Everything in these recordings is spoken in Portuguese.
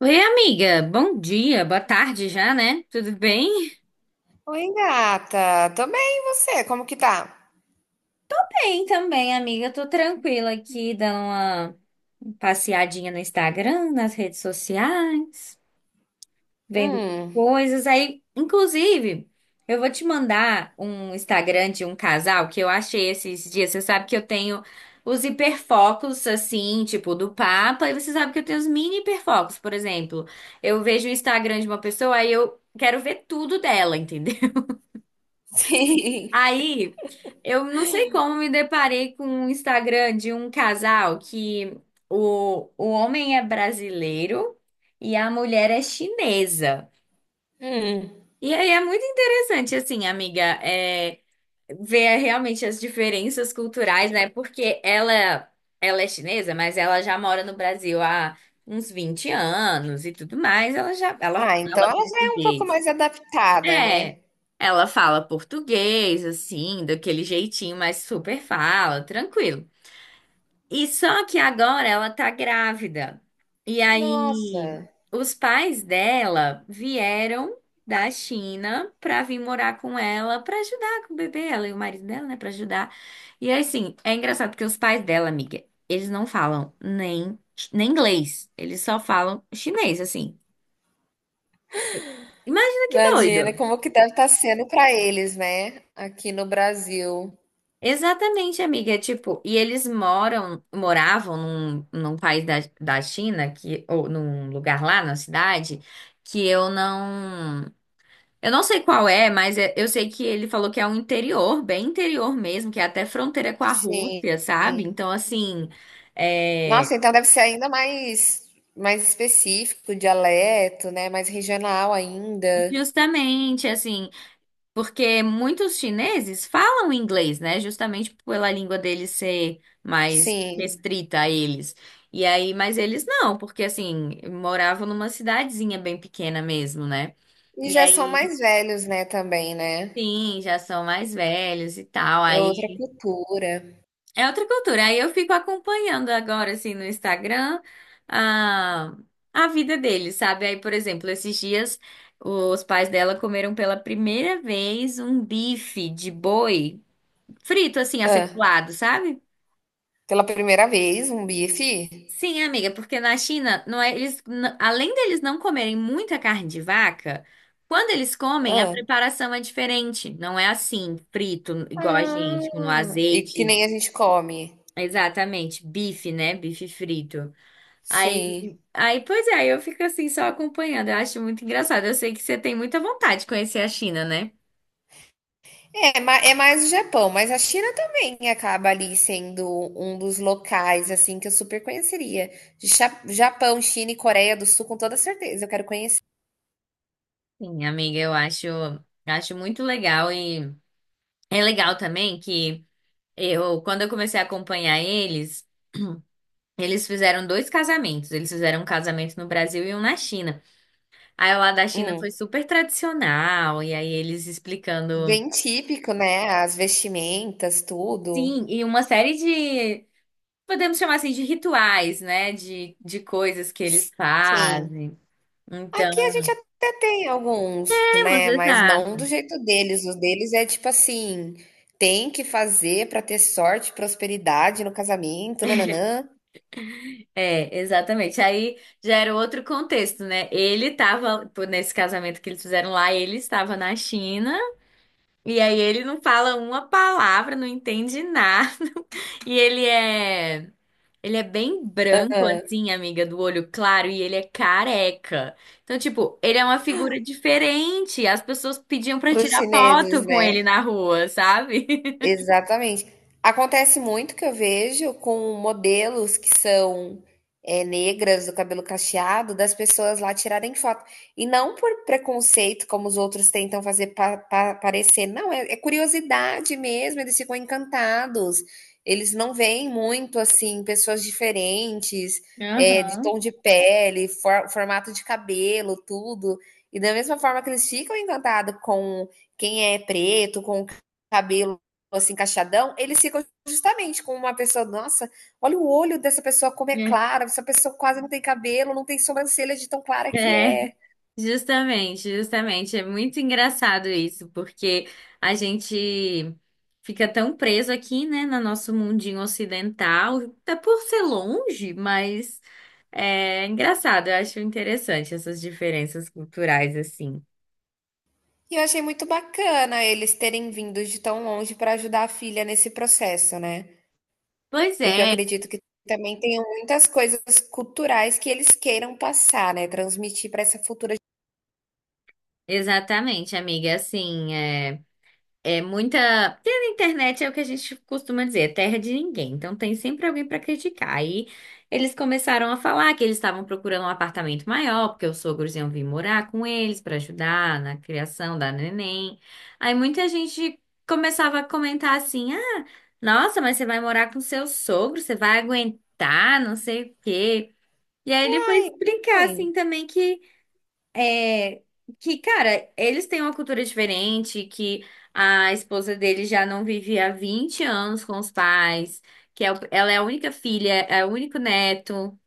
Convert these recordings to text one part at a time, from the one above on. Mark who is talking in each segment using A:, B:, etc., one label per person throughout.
A: Oi, amiga. Bom dia, boa tarde já, né? Tudo bem?
B: Oi, gata. Tô bem, e você? Como que tá?
A: Bem também, amiga. Tô tranquila aqui, dando uma passeadinha no Instagram, nas redes sociais, vendo
B: Hum,
A: coisas. Aí, inclusive, eu vou te mandar um Instagram de um casal que eu achei esses dias. Você sabe que eu tenho os hiperfocos, assim, tipo, do Papa, e você sabe que eu tenho os mini hiperfocos, por exemplo. Eu vejo o Instagram de uma pessoa, aí eu quero ver tudo dela, entendeu?
B: sim.
A: Aí, eu não sei como me deparei com um Instagram de um casal que o homem é brasileiro e a mulher é chinesa.
B: Hum.
A: E aí é muito interessante, assim, amiga, ver realmente as diferenças culturais, né? Porque ela é chinesa, mas ela já mora no Brasil há uns 20 anos e tudo mais. Ela
B: Ah,
A: fala
B: então ela já é um pouco
A: português.
B: mais adaptada, né?
A: É, ela fala português, assim, daquele jeitinho, mas super fala, tranquilo. E só que agora ela tá grávida. E
B: Nossa,
A: aí, os pais dela vieram da China pra vir morar com ela, pra ajudar com o bebê, ela e o marido dela, né, pra ajudar. E aí, assim, é engraçado porque os pais dela, amiga, eles não falam nem inglês, eles só falam chinês, assim. Imagina que
B: imagina
A: doido.
B: como que deve estar sendo pra eles, né? Aqui no Brasil.
A: Exatamente, amiga. É. Tipo, e eles moram, moravam num país da China, que, ou num lugar lá na cidade, que eu não. Eu não sei qual é, mas eu sei que ele falou que é um interior, bem interior mesmo, que é até fronteira com a
B: Sim.
A: Rússia, sabe? Então, assim, é,
B: Nossa, então deve ser ainda mais, mais específico, dialeto, né? Mais regional ainda.
A: justamente assim. Porque muitos chineses falam inglês, né? Justamente pela língua deles ser mais
B: Sim.
A: restrita a eles. E aí, mas eles não, porque assim, moravam numa cidadezinha bem pequena mesmo, né?
B: E
A: E
B: já são
A: aí,
B: mais velhos, né, também, né?
A: sim, já são mais velhos e tal.
B: É outra
A: Aí
B: cultura.
A: é outra cultura. Aí eu fico acompanhando agora, assim, no Instagram, a, a vida deles, sabe? Aí, por exemplo, esses dias os pais dela comeram pela primeira vez um bife de boi, frito, assim,
B: Ah.
A: acepulado, sabe?
B: Pela primeira vez, um bife?
A: Sim, amiga, porque na China, não é, eles, além deles não comerem muita carne de vaca, quando eles comem, a
B: Hã.
A: preparação é diferente. Não é assim, frito, igual a gente, no
B: Ah, e que
A: azeite.
B: nem a gente come.
A: Exatamente, bife, né? Bife frito.
B: Sim.
A: Aí, aí, pois é, aí eu fico assim só acompanhando. Eu acho muito engraçado. Eu sei que você tem muita vontade de conhecer a China, né?
B: É, ma é mais o Japão, mas a China também acaba ali sendo um dos locais, assim, que eu super conheceria. De cha Japão, China e Coreia do Sul, com toda certeza, eu quero conhecer.
A: Sim, amiga, eu acho muito legal e é legal também que quando eu comecei a acompanhar eles, eles fizeram dois casamentos. Eles fizeram um casamento no Brasil e um na China. Aí o lá da China
B: Hum.
A: foi super tradicional, e aí eles explicando.
B: Bem típico, né, as vestimentas, tudo.
A: Sim, e uma série de, podemos chamar assim, de rituais, né? De coisas que eles
B: Sim.
A: fazem. Então,
B: Aqui a gente até tem alguns,
A: temos,
B: né? Mas
A: exato.
B: não do jeito deles. Os deles é tipo assim, tem que fazer para ter sorte, prosperidade no casamento, nananã,
A: É, exatamente. Aí já era outro contexto, né? Ele estava, nesse casamento que eles fizeram lá, ele estava na China. E aí ele não fala uma palavra, não entende nada. E ele é bem branco assim, amiga, do olho claro e ele é careca. Então, tipo, ele é uma figura diferente. As pessoas pediam pra
B: para os
A: tirar foto
B: chineses,
A: com ele
B: né?
A: na rua, sabe?
B: Exatamente. Acontece muito que eu vejo com modelos que são negras, do cabelo cacheado, das pessoas lá tirarem foto. E não por preconceito, como os outros tentam fazer parecer. Não, é, é curiosidade mesmo, eles ficam encantados. Eles não veem muito, assim, pessoas diferentes, é, de
A: Aham.
B: tom de pele, formato de cabelo, tudo. E da mesma forma que eles ficam encantados com quem é preto, com o cabelo assim, encaixadão, eles ficam justamente com uma pessoa, nossa, olha o olho dessa pessoa como é
A: É.
B: clara, essa pessoa quase não tem cabelo, não tem sobrancelha de tão clara que
A: É.
B: é.
A: Justamente, justamente. É muito engraçado isso, porque a gente fica tão preso aqui, né, no nosso mundinho ocidental, até por ser longe, mas é engraçado. Eu acho interessante essas diferenças culturais, assim.
B: E eu achei muito bacana eles terem vindo de tão longe para ajudar a filha nesse processo, né?
A: Pois
B: Porque eu
A: é,
B: acredito que também tenham muitas coisas culturais que eles queiram passar, né? Transmitir para essa futura.
A: exatamente, amiga. Assim, é. É muita. Porque na internet é o que a gente costuma dizer, é terra de ninguém. Então tem sempre alguém para criticar. Aí eles começaram a falar que eles estavam procurando um apartamento maior, porque os sogros iam vir morar com eles para ajudar na criação da neném. Aí muita gente começava a comentar assim: ah, nossa, mas você vai morar com seu sogro, você vai aguentar, não sei o quê. E aí ele foi
B: Ai, tudo
A: explicar assim
B: bem.
A: também que. É, que, cara, eles têm uma cultura diferente, que a esposa dele já não vivia há 20 anos com os pais, que é ela é a única filha, é o único neto.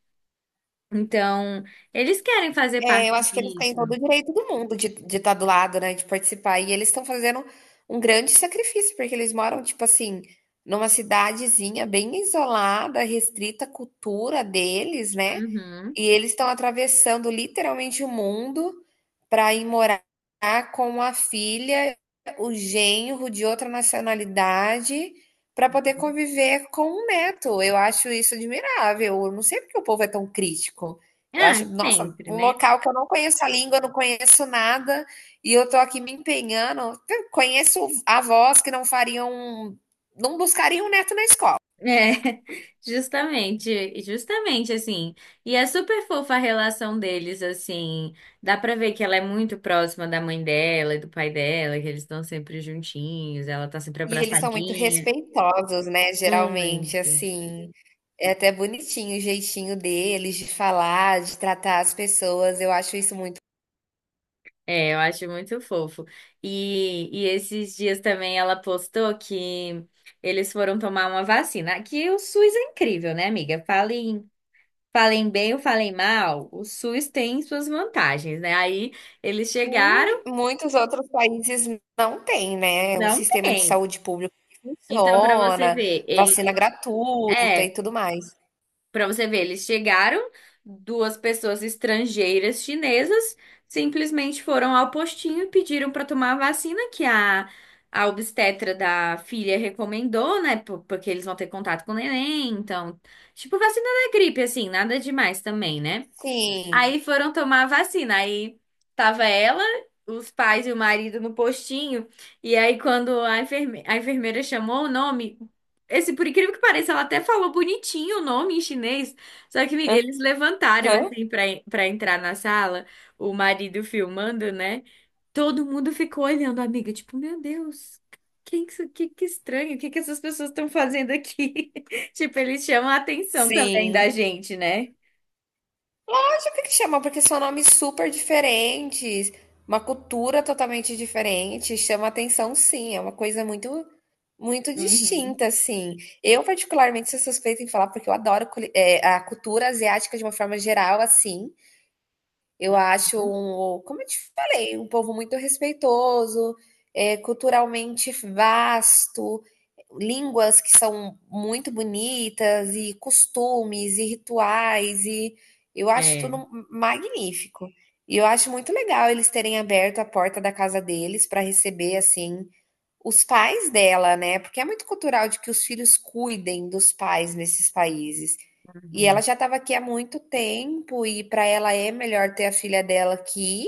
A: Então, eles querem fazer
B: É,
A: parte
B: eu acho que eles têm
A: disso.
B: todo o direito do mundo de estar do lado, né, de participar. E eles estão fazendo um grande sacrifício, porque eles moram, tipo assim, numa cidadezinha bem isolada, restrita à cultura deles, né?
A: Uhum.
B: E eles estão atravessando literalmente o mundo para ir morar com a filha, o genro de outra nacionalidade, para poder conviver com o neto. Eu acho isso admirável. Eu não sei porque o povo é tão crítico. Eu
A: Ah,
B: acho, nossa,
A: sempre,
B: um
A: né?
B: local que eu não conheço a língua, não conheço nada, e eu tô aqui me empenhando. Eu conheço avós que não fariam, não buscariam um neto na escola.
A: É, justamente, justamente assim. E é super fofa a relação deles, assim. Dá pra ver que ela é muito próxima da mãe dela e do pai dela, que eles estão sempre juntinhos, ela tá sempre
B: E eles são muito
A: abraçadinha.
B: respeitosos, né? Geralmente,
A: Muito.
B: assim, é até bonitinho o jeitinho deles de falar, de tratar as pessoas. Eu acho isso muito.
A: É, eu acho muito fofo. E esses dias também ela postou que eles foram tomar uma vacina. Que o SUS é incrível, né, amiga? Falem, falem bem ou falem mal, o SUS tem suas vantagens, né? Aí eles chegaram.
B: E muitos outros países não têm, né? Um
A: Não
B: sistema de
A: tem.
B: saúde pública que
A: Então, para você
B: funciona,
A: ver,
B: vacina gratuita e
A: é,
B: tudo mais.
A: para você ver, eles chegaram, duas pessoas estrangeiras chinesas simplesmente foram ao postinho e pediram para tomar a vacina que a obstetra da filha recomendou, né? Porque eles vão ter contato com o neném, então, tipo vacina da gripe assim, nada demais também, né?
B: Sim.
A: Aí foram tomar a vacina. Aí tava ela, os pais e o marido no postinho. E aí, quando a enfermeira chamou o nome, esse, por incrível que pareça, ela até falou bonitinho o nome em chinês. Só que, Miguel, eles levantaram
B: Aham.
A: assim pra entrar na sala, o marido filmando, né? Todo mundo ficou olhando, amiga, tipo, meu Deus. Que estranho, o que essas pessoas estão fazendo aqui? Tipo, eles chamam a atenção também
B: Sim.
A: da gente, né?
B: Acho que chama, porque são nomes super diferentes, uma cultura totalmente diferente, chama atenção, sim, é uma coisa muito muito
A: Uhum.
B: distinta, assim. Eu particularmente sou suspeita em falar porque eu adoro a cultura asiática de uma forma geral, assim. Eu acho um, como eu te falei, um povo muito respeitoso, é culturalmente vasto, línguas que são muito bonitas, e costumes, e rituais, e eu acho
A: É.
B: tudo magnífico. E eu acho muito legal eles terem aberto a porta da casa deles para receber assim os pais dela, né, porque é muito cultural de que os filhos cuidem dos pais nesses países. E ela
A: Uhum.
B: já estava aqui há muito tempo e para ela é melhor ter a filha dela aqui.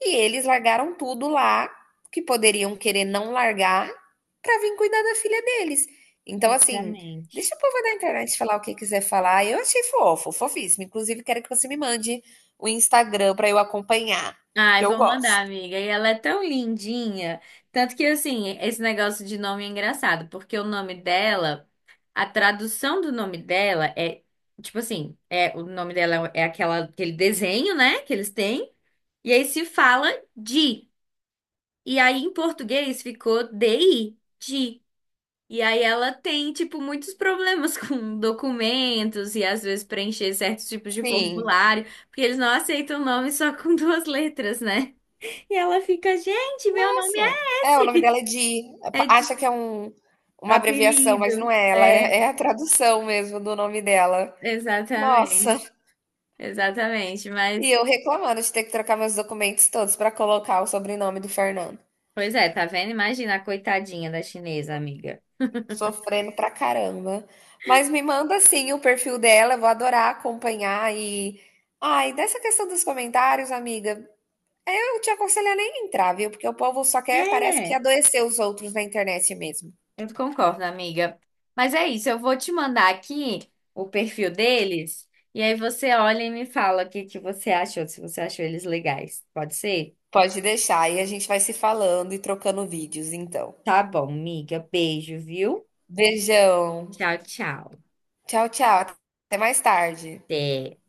B: E eles largaram tudo lá, que poderiam querer não largar, para vir cuidar da filha deles. Então, assim,
A: Sinceramente.
B: deixa o povo da internet falar o que quiser falar. Eu achei fofo, fofíssimo. Inclusive, quero que você me mande o Instagram para eu acompanhar,
A: Ai,
B: porque eu
A: vou mandar,
B: gosto.
A: amiga. E ela é tão lindinha. Tanto que, assim, esse negócio de nome é engraçado, porque o nome dela, a tradução do nome dela é, tipo assim, é, o nome dela é aquela, aquele desenho, né, que eles têm. E aí se fala de. E aí em português ficou DI. E aí ela tem, tipo, muitos problemas com documentos e às vezes preencher certos tipos de
B: Sim.
A: formulário, porque eles não aceitam o nome só com duas letras, né? E ela fica, gente, meu nome
B: Nossa, é,
A: é
B: o nome dela
A: esse.
B: é Di.
A: É de
B: Acha que é um, uma abreviação, mas não
A: apelido.
B: é ela, é,
A: É,
B: é a tradução mesmo do nome dela.
A: exatamente.
B: Nossa,
A: Exatamente,
B: e
A: mas
B: eu reclamando de ter que trocar meus documentos todos para colocar o sobrenome do Fernando.
A: pois é, tá vendo? Imagina a coitadinha da chinesa, amiga.
B: Sofrendo pra caramba. Mas me manda sim o perfil dela, eu vou adorar acompanhar e. Ai, dessa questão dos comentários, amiga, eu te aconselho a nem entrar, viu? Porque o povo só quer, parece que
A: É.
B: adoecer os outros na internet mesmo.
A: Eu concordo, amiga. Mas é isso, eu vou te mandar aqui o perfil deles e aí você olha e me fala o que que você achou, se você achou eles legais. Pode ser?
B: Pode deixar. E a gente vai se falando e trocando vídeos, então.
A: Tá bom, amiga. Beijo, viu?
B: Beijão.
A: Tchau, tchau.
B: Tchau, tchau. Até mais tarde.
A: Até.